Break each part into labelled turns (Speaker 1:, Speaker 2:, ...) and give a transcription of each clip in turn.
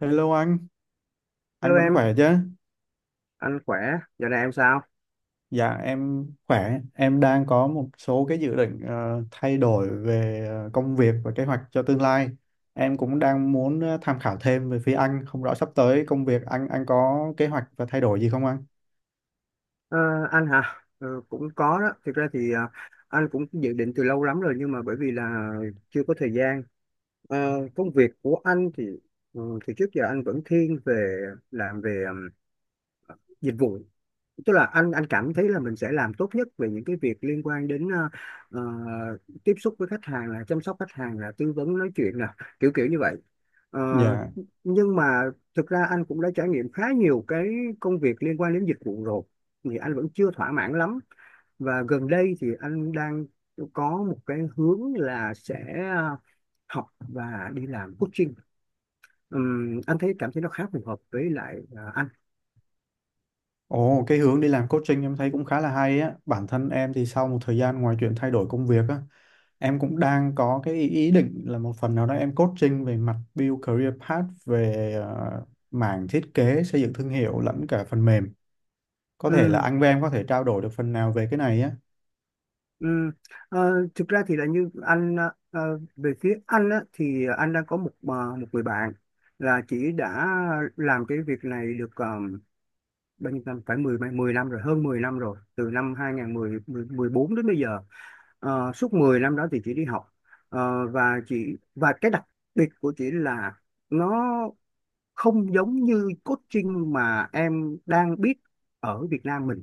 Speaker 1: Hello anh
Speaker 2: Hello
Speaker 1: vẫn
Speaker 2: em,
Speaker 1: khỏe chứ?
Speaker 2: anh khỏe, giờ này em sao?
Speaker 1: Dạ em khỏe, em đang có một số cái dự định thay đổi về công việc và kế hoạch cho tương lai. Em cũng đang muốn tham khảo thêm về phía anh, không rõ sắp tới công việc anh có kế hoạch và thay đổi gì không anh?
Speaker 2: Ờ, anh hả? Ờ, cũng có đó, thực ra thì anh cũng dự định từ lâu lắm rồi, nhưng mà bởi vì là chưa có thời gian. Ờ, công việc của anh thì thì trước giờ anh vẫn thiên về làm về dịch vụ, tức là anh cảm thấy là mình sẽ làm tốt nhất về những cái việc liên quan đến ờ, tiếp xúc với khách hàng, là chăm sóc khách hàng, là tư vấn nói chuyện nè, kiểu kiểu như vậy. Ờ,
Speaker 1: Dạ.
Speaker 2: nhưng mà thực ra anh cũng đã trải nghiệm khá nhiều cái công việc liên quan đến dịch vụ rồi, thì anh vẫn chưa thỏa mãn lắm, và gần đây thì anh đang có một cái hướng là sẽ ờ, học và đi làm coaching. Anh thấy cảm thấy nó khá phù hợp với lại
Speaker 1: Ồ, cái hướng đi làm coaching em thấy cũng khá là hay á. Bản thân em thì sau một thời gian ngoài chuyện thay đổi công việc á, em cũng đang có cái ý ý định là một phần nào đó em coaching về mặt build career path về mảng thiết kế, xây dựng thương hiệu lẫn cả phần mềm. Có thể là
Speaker 2: anh.
Speaker 1: anh với em có thể trao đổi được phần nào về cái này á.
Speaker 2: Ừ. Thực ra thì là như anh, về phía anh á, thì anh đang có một, một người bạn là chỉ đã làm cái việc này được bao nhiêu năm, phải 10 10 năm rồi, hơn 10 năm rồi, từ năm 2014 đến bây giờ. Suốt 10 năm đó thì chị đi học. Và chị, và cái đặc biệt của chị là nó không giống như coaching mà em đang biết ở Việt Nam mình.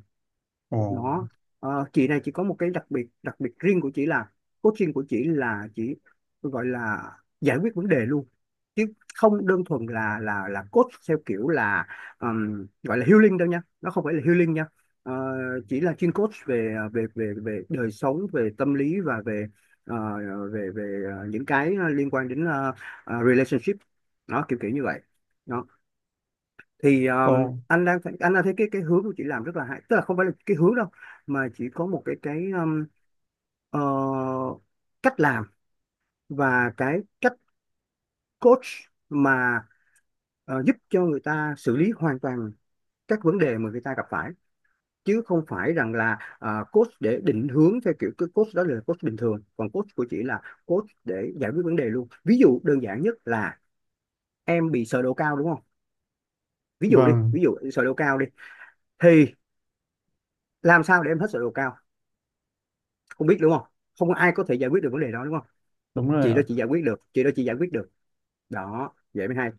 Speaker 1: Ồ,
Speaker 2: Nó, chị này chỉ có một cái đặc biệt riêng của chị là coaching của chị là chị gọi là giải quyết vấn đề luôn, chứ không đơn thuần là coach theo kiểu là gọi là healing đâu nha, nó không phải là healing nha. Ờ, chỉ là chuyên coach về về về về đời sống, về tâm lý và về ờ, về về những cái liên quan đến relationship, nó kiểu kiểu như vậy đó. Thì
Speaker 1: ồ,
Speaker 2: anh đang thấy cái hướng của chị làm rất là hay, tức là không phải là cái hướng đâu, mà chỉ có một cái ờ, cách làm và cái cách coach mà giúp cho người ta xử lý hoàn toàn các vấn đề mà người ta gặp phải, chứ không phải rằng là coach để định hướng theo kiểu. Cái coach đó là coach bình thường, còn coach của chị là coach để giải quyết vấn đề luôn. Ví dụ đơn giản nhất là em bị sờ độ cao đúng không, ví dụ đi,
Speaker 1: vâng,
Speaker 2: ví dụ sờ độ cao đi, thì làm sao để em hết sờ độ cao không biết, đúng không? Không ai có thể giải quyết được vấn đề đó đúng không?
Speaker 1: đúng rồi
Speaker 2: Chị
Speaker 1: ạ.
Speaker 2: đó chị giải quyết được, chị đó chị giải quyết được đó, vậy mới hay.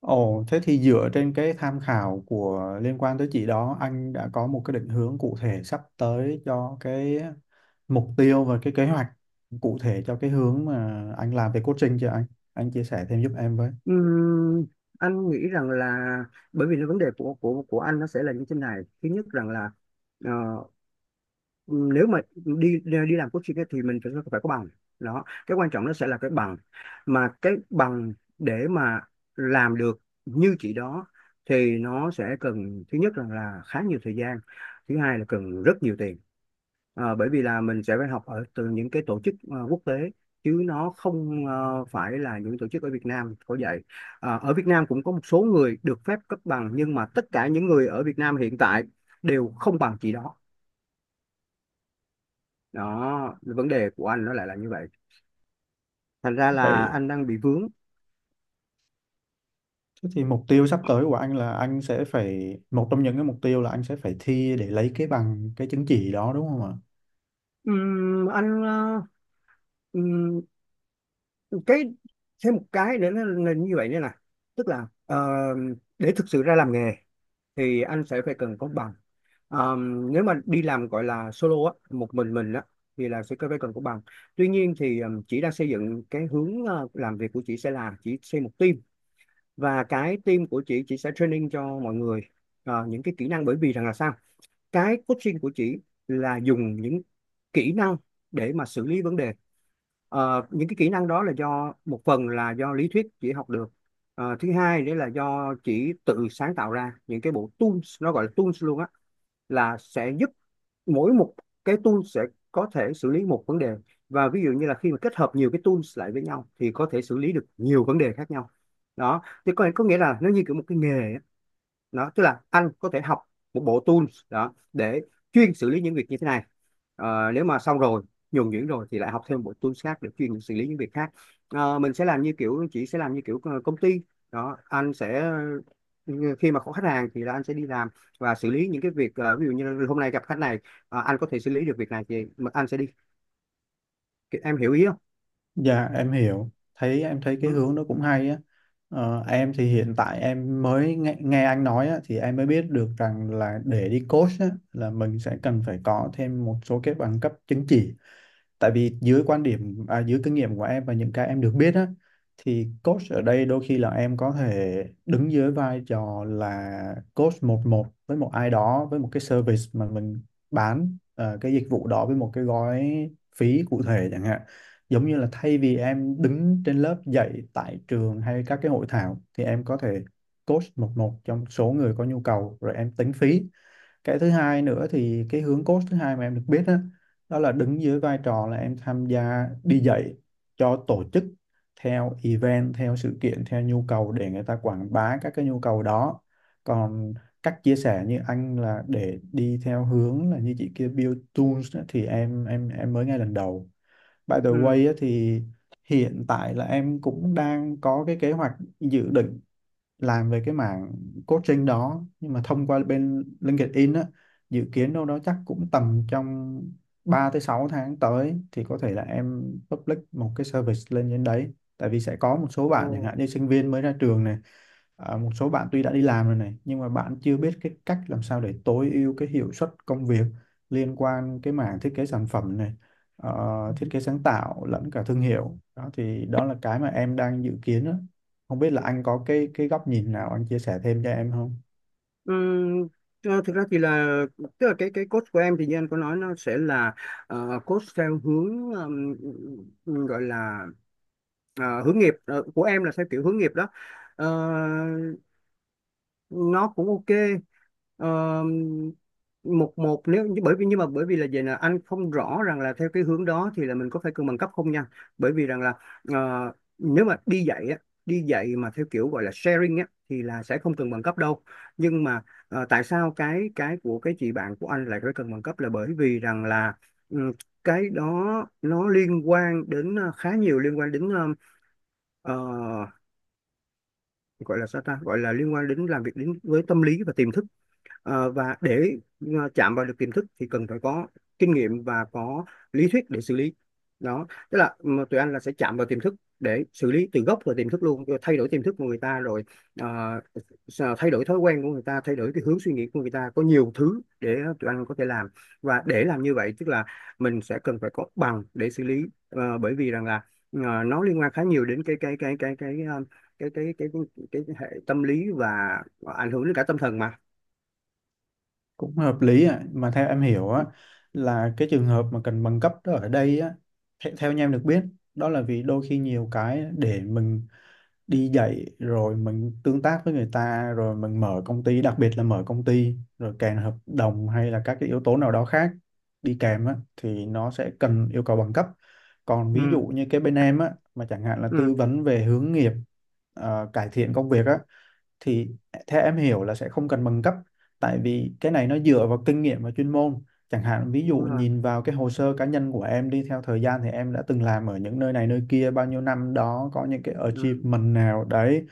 Speaker 1: Ồ, thế thì dựa trên cái tham khảo của liên quan tới chị đó, anh đã có một cái định hướng cụ thể sắp tới cho cái mục tiêu và cái kế hoạch cụ thể cho cái hướng mà anh làm về coaching chưa anh? Anh chia sẻ thêm giúp em với.
Speaker 2: Ừm, anh nghĩ rằng là bởi vì cái vấn đề của anh nó sẽ là như thế này. Thứ nhất rằng là ờ, nếu mà đi đi làm coaching ấy, thì mình phải phải có bằng đó. Cái quan trọng nó sẽ là cái bằng, mà cái bằng để mà làm được như chị đó thì nó sẽ cần, thứ nhất rằng là khá nhiều thời gian, thứ hai là cần rất nhiều tiền. Ờ, bởi vì là mình sẽ phải học ở từ những cái tổ chức quốc tế, chứ nó không phải là những tổ chức ở Việt Nam có dạy. Ờ, ở Việt Nam cũng có một số người được phép cấp bằng, nhưng mà tất cả những người ở Việt Nam hiện tại đều không bằng chị đó. Đó, vấn đề của anh nó lại là như vậy. Thành ra là
Speaker 1: Vậy
Speaker 2: anh đang bị vướng.
Speaker 1: thế thì mục tiêu sắp tới của anh là anh sẽ phải một trong những cái mục tiêu là anh sẽ phải thi để lấy cái bằng cái chứng chỉ đó đúng không ạ?
Speaker 2: Ừm, anh ờ, ừm, cái, thêm một cái nữa là như vậy nữa nè. Tức là để thực sự ra làm nghề thì anh sẽ phải cần có bằng. Nếu mà đi làm gọi là solo á, một mình á, thì là sẽ phải cần có bằng. Tuy nhiên thì chị đang xây dựng cái hướng làm việc của chị sẽ là chị xây một team, và cái team của chị sẽ training cho mọi người những cái kỹ năng. Bởi vì rằng là sao, cái coaching của chị là dùng những kỹ năng để mà xử lý vấn đề. Ờ, những cái kỹ năng đó là do, một phần là do lý thuyết chỉ học được. Ờ, thứ hai đấy là do chỉ tự sáng tạo ra những cái bộ tools, nó gọi là tools luôn á, là sẽ giúp mỗi một cái tool sẽ có thể xử lý một vấn đề. Và ví dụ như là khi mà kết hợp nhiều cái tools lại với nhau thì có thể xử lý được nhiều vấn đề khác nhau đó. Thì có nghĩa là nó như kiểu một cái nghề á đó, tức là anh có thể học một bộ tools đó để chuyên xử lý những việc như thế này. Ờ, nếu mà xong rồi nhuần nhuyễn rồi thì lại học thêm một bộ tools khác để chuyên xử lý những việc khác. Ờ, mình sẽ làm như kiểu, chị sẽ làm như kiểu công ty đó. Anh sẽ ừ, khi mà có khách hàng thì là anh sẽ đi làm và xử lý những cái việc. Ờ, ví dụ như hôm nay gặp khách này anh có thể xử lý được việc này thì anh sẽ đi, em hiểu ý không?
Speaker 1: Dạ em hiểu, thấy em thấy cái
Speaker 2: Ừ.
Speaker 1: hướng đó cũng hay á. Em thì hiện tại em mới nghe anh nói á, thì em mới biết được rằng là để đi coach á, là mình sẽ cần phải có thêm một số cái bằng cấp chứng chỉ. Tại vì dưới quan điểm à, dưới kinh nghiệm của em và những cái em được biết á, thì coach ở đây đôi khi là em có thể đứng dưới vai trò là coach một một với một ai đó với một cái service mà mình bán cái dịch vụ đó với một cái gói phí cụ thể chẳng hạn, giống như là thay vì em đứng trên lớp dạy tại trường hay các cái hội thảo thì em có thể coach một một trong số người có nhu cầu rồi em tính phí. Cái thứ hai nữa thì cái hướng coach thứ hai mà em được biết đó, đó là đứng dưới vai trò là em tham gia đi dạy cho tổ chức theo event, theo sự kiện, theo nhu cầu để người ta quảng bá các cái nhu cầu đó. Còn cách chia sẻ như anh là để đi theo hướng là như chị kia build tools á, thì em mới nghe lần đầu. By the way
Speaker 2: Ừ.
Speaker 1: á, thì hiện tại là em cũng đang có cái kế hoạch, dự định làm về cái mảng coaching đó nhưng mà thông qua bên LinkedIn á, dự kiến đâu đó chắc cũng tầm trong 3 tới 6 tháng tới thì có thể là em public một cái service lên trên đấy. Tại vì sẽ có một số
Speaker 2: Ồ.
Speaker 1: bạn chẳng hạn như sinh viên mới ra trường này. À, một số bạn tuy đã đi làm rồi này nhưng mà bạn chưa biết cái cách làm sao để tối ưu cái hiệu suất công việc liên quan cái mảng thiết kế sản phẩm này, ờ, thiết kế sáng tạo lẫn cả thương hiệu đó thì đó là cái mà em đang dự kiến đó. Không biết là anh có cái góc nhìn nào anh chia sẻ thêm cho em không?
Speaker 2: Ừm, thực ra thì là, tức là cái coach của em thì như anh có nói nó sẽ là coach theo hướng, gọi là hướng nghiệp. Ờ, của em là theo kiểu hướng nghiệp đó. Ờ, nó cũng ok. Ờ, một một, nếu bởi vì, nhưng mà bởi vì là vậy, là anh không rõ rằng là theo cái hướng đó thì là mình có phải cân bằng cấp không nha. Bởi vì rằng là ờ, nếu mà đi dạy á, đi dạy mà theo kiểu gọi là sharing á thì là sẽ không cần bằng cấp đâu. Nhưng mà tại sao cái của cái chị bạn của anh lại phải cần bằng cấp là bởi vì rằng là ừ, cái đó nó liên quan đến khá nhiều, liên quan đến ờ, gọi là sao ta, gọi là liên quan đến làm việc đến với tâm lý và tiềm thức. Ờ, và để chạm vào được tiềm thức thì cần phải có kinh nghiệm và có lý thuyết để xử lý đó. Tức là mà tụi anh là sẽ chạm vào tiềm thức để xử lý từ gốc vào tiềm thức luôn, rồi thay đổi tiềm thức của người ta, rồi ờ, thay đổi thói quen của người ta, thay đổi cái hướng suy nghĩ của người ta, có nhiều thứ để tụi anh có thể làm. Và để làm như vậy tức là mình sẽ cần phải có bằng để xử lý. Ờ, bởi vì rằng là nó liên quan khá nhiều đến cái ờ, cái cái cái cái, cái hệ tâm lý và ảnh hưởng đến cả tâm thần mà.
Speaker 1: Cũng hợp lý ạ. Mà theo em hiểu á, là cái trường hợp mà cần bằng cấp đó ở đây á, theo như em được biết, đó là vì đôi khi nhiều cái để mình đi dạy rồi mình tương tác với người ta rồi mình mở công ty, đặc biệt là mở công ty rồi kèm hợp đồng hay là các cái yếu tố nào đó khác đi kèm á, thì nó sẽ cần yêu cầu bằng cấp. Còn ví dụ
Speaker 2: Ừ.
Speaker 1: như cái bên em á mà chẳng hạn là
Speaker 2: Ừ,
Speaker 1: tư vấn về hướng nghiệp, cải thiện công việc á, thì theo em hiểu là sẽ không cần bằng cấp. Tại vì cái này nó dựa vào kinh nghiệm và chuyên môn, chẳng hạn ví dụ
Speaker 2: đúng rồi.
Speaker 1: nhìn vào cái hồ sơ cá nhân của em đi, theo thời gian thì em đã từng làm ở những nơi này nơi kia bao nhiêu năm đó, có những cái
Speaker 2: ừ,
Speaker 1: achievement nào đấy,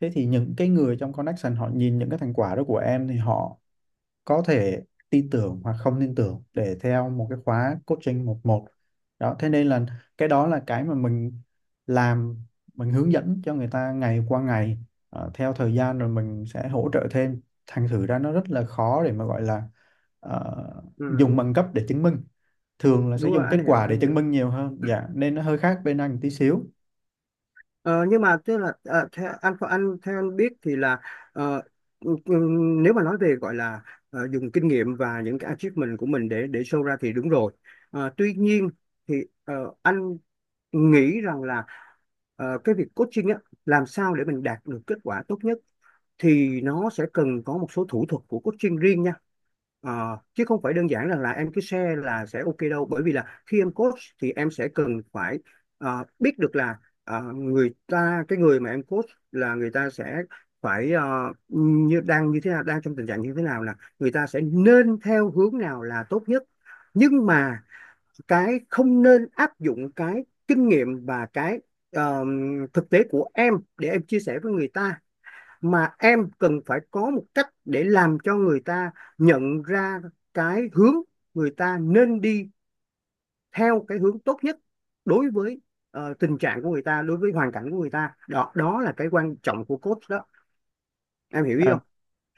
Speaker 1: thế thì những cái người trong connection họ nhìn những cái thành quả đó của em thì họ có thể tin tưởng hoặc không tin tưởng để theo một cái khóa coaching một một. Đó thế nên là cái đó là cái mà mình làm, mình hướng dẫn cho người ta ngày qua ngày. Ờ, theo thời gian rồi mình sẽ hỗ trợ thêm, thành thử ra nó rất là khó để mà gọi là ờ,
Speaker 2: ừ
Speaker 1: dùng bằng cấp để chứng minh, thường là sẽ
Speaker 2: đúng rồi,
Speaker 1: dùng
Speaker 2: anh
Speaker 1: kết
Speaker 2: hiểu
Speaker 1: quả để
Speaker 2: anh
Speaker 1: chứng
Speaker 2: hiểu.
Speaker 1: minh nhiều hơn. Dạ nên nó hơi khác bên anh tí xíu.
Speaker 2: Ờ, nhưng mà tức là theo anh, theo anh biết thì là ờ, ừ, ừ, nếu mà nói về gọi là dùng kinh nghiệm và những cái achievement của mình để show ra thì đúng rồi. Ờ, tuy nhiên thì ờ, anh nghĩ rằng là cái việc coaching á, làm sao để mình đạt được kết quả tốt nhất thì nó sẽ cần có một số thủ thuật của coaching riêng nha. Ờ, chứ không phải đơn giản rằng là em cứ share là sẽ ok đâu, bởi vì là khi em coach thì em sẽ cần phải biết được là người ta, cái người mà em coach, là người ta sẽ phải như, đang như thế nào, đang trong tình trạng như thế nào, là người ta sẽ nên theo hướng nào là tốt nhất. Nhưng mà cái không nên áp dụng cái kinh nghiệm và cái ờ, thực tế của em để em chia sẻ với người ta, mà em cần phải có một cách để làm cho người ta nhận ra cái hướng người ta nên đi, theo cái hướng tốt nhất đối với tình trạng của người ta, đối với hoàn cảnh của người ta đó. Đó là cái quan trọng của coach đó, em hiểu ý
Speaker 1: Ờ,
Speaker 2: không?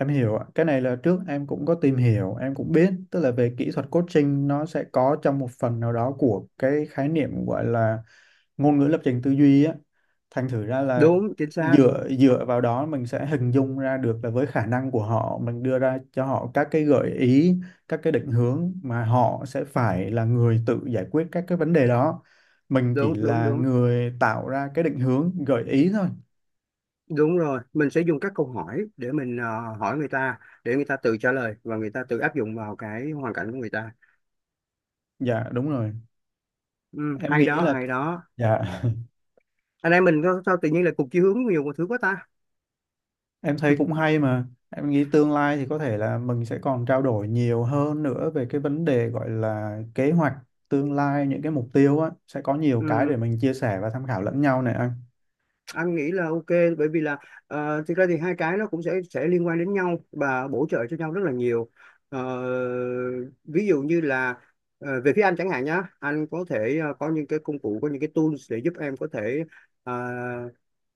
Speaker 1: em hiểu ạ. Cái này là trước em cũng có tìm hiểu, em cũng biết, tức là về kỹ thuật coaching nó sẽ có trong một phần nào đó của cái khái niệm gọi là ngôn ngữ lập trình tư duy á. Thành thử ra là
Speaker 2: Đúng chính xác.
Speaker 1: dựa dựa vào đó mình sẽ hình dung ra được là với khả năng của họ mình đưa ra cho họ các cái gợi ý, các cái định hướng mà họ sẽ phải là người tự giải quyết các cái vấn đề đó. Mình chỉ
Speaker 2: Đúng, đúng,
Speaker 1: là
Speaker 2: đúng,
Speaker 1: người tạo ra cái định hướng, gợi ý thôi.
Speaker 2: đúng rồi, mình sẽ dùng các câu hỏi để mình hỏi người ta, để người ta tự trả lời và người ta tự áp dụng vào cái hoàn cảnh của người ta.
Speaker 1: Dạ đúng rồi.
Speaker 2: Ừ,
Speaker 1: Em
Speaker 2: hay
Speaker 1: nghĩ
Speaker 2: đó
Speaker 1: là,
Speaker 2: hay đó.
Speaker 1: dạ,
Speaker 2: Anh em mình sao sao tự nhiên là cùng chí hướng nhiều một thứ quá ta.
Speaker 1: em thấy cũng hay mà. Em nghĩ tương lai thì có thể là mình sẽ còn trao đổi nhiều hơn nữa về cái vấn đề gọi là kế hoạch tương lai, những cái mục tiêu á. Sẽ có nhiều cái
Speaker 2: Ừ.
Speaker 1: để mình chia sẻ và tham khảo lẫn nhau này anh.
Speaker 2: Anh nghĩ là ok, bởi vì là thực ra thì hai cái nó cũng sẽ liên quan đến nhau và bổ trợ cho nhau rất là nhiều. Ờ, ví dụ như là về phía anh chẳng hạn nhá, anh có thể có những cái công cụ, có những cái tools để giúp em có thể ờ,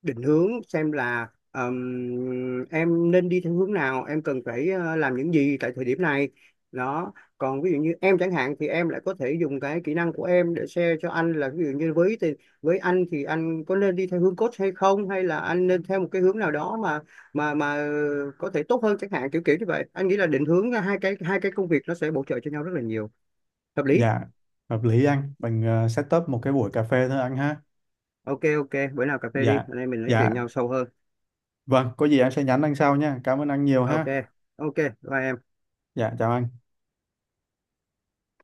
Speaker 2: định hướng xem là em nên đi theo hướng nào, em cần phải làm những gì tại thời điểm này đó. Còn ví dụ như em chẳng hạn thì em lại có thể dùng cái kỹ năng của em để share cho anh, là ví dụ như với anh thì anh có nên đi theo hướng coach hay không, hay là anh nên theo một cái hướng nào đó mà có thể tốt hơn chẳng hạn, kiểu kiểu như vậy. Anh nghĩ là định hướng hai cái công việc nó sẽ bổ trợ cho nhau rất là nhiều, hợp lý.
Speaker 1: Dạ, hợp lý anh. Mình set up một cái buổi cà phê thôi anh ha.
Speaker 2: OK, ok, bữa nào cà phê đi
Speaker 1: Dạ,
Speaker 2: anh em mình nói chuyện
Speaker 1: dạ.
Speaker 2: nhau sâu hơn.
Speaker 1: Vâng, có gì em sẽ nhắn anh sau nha. Cảm ơn anh nhiều
Speaker 2: OK,
Speaker 1: ha.
Speaker 2: ok, bye em.
Speaker 1: Dạ, chào anh.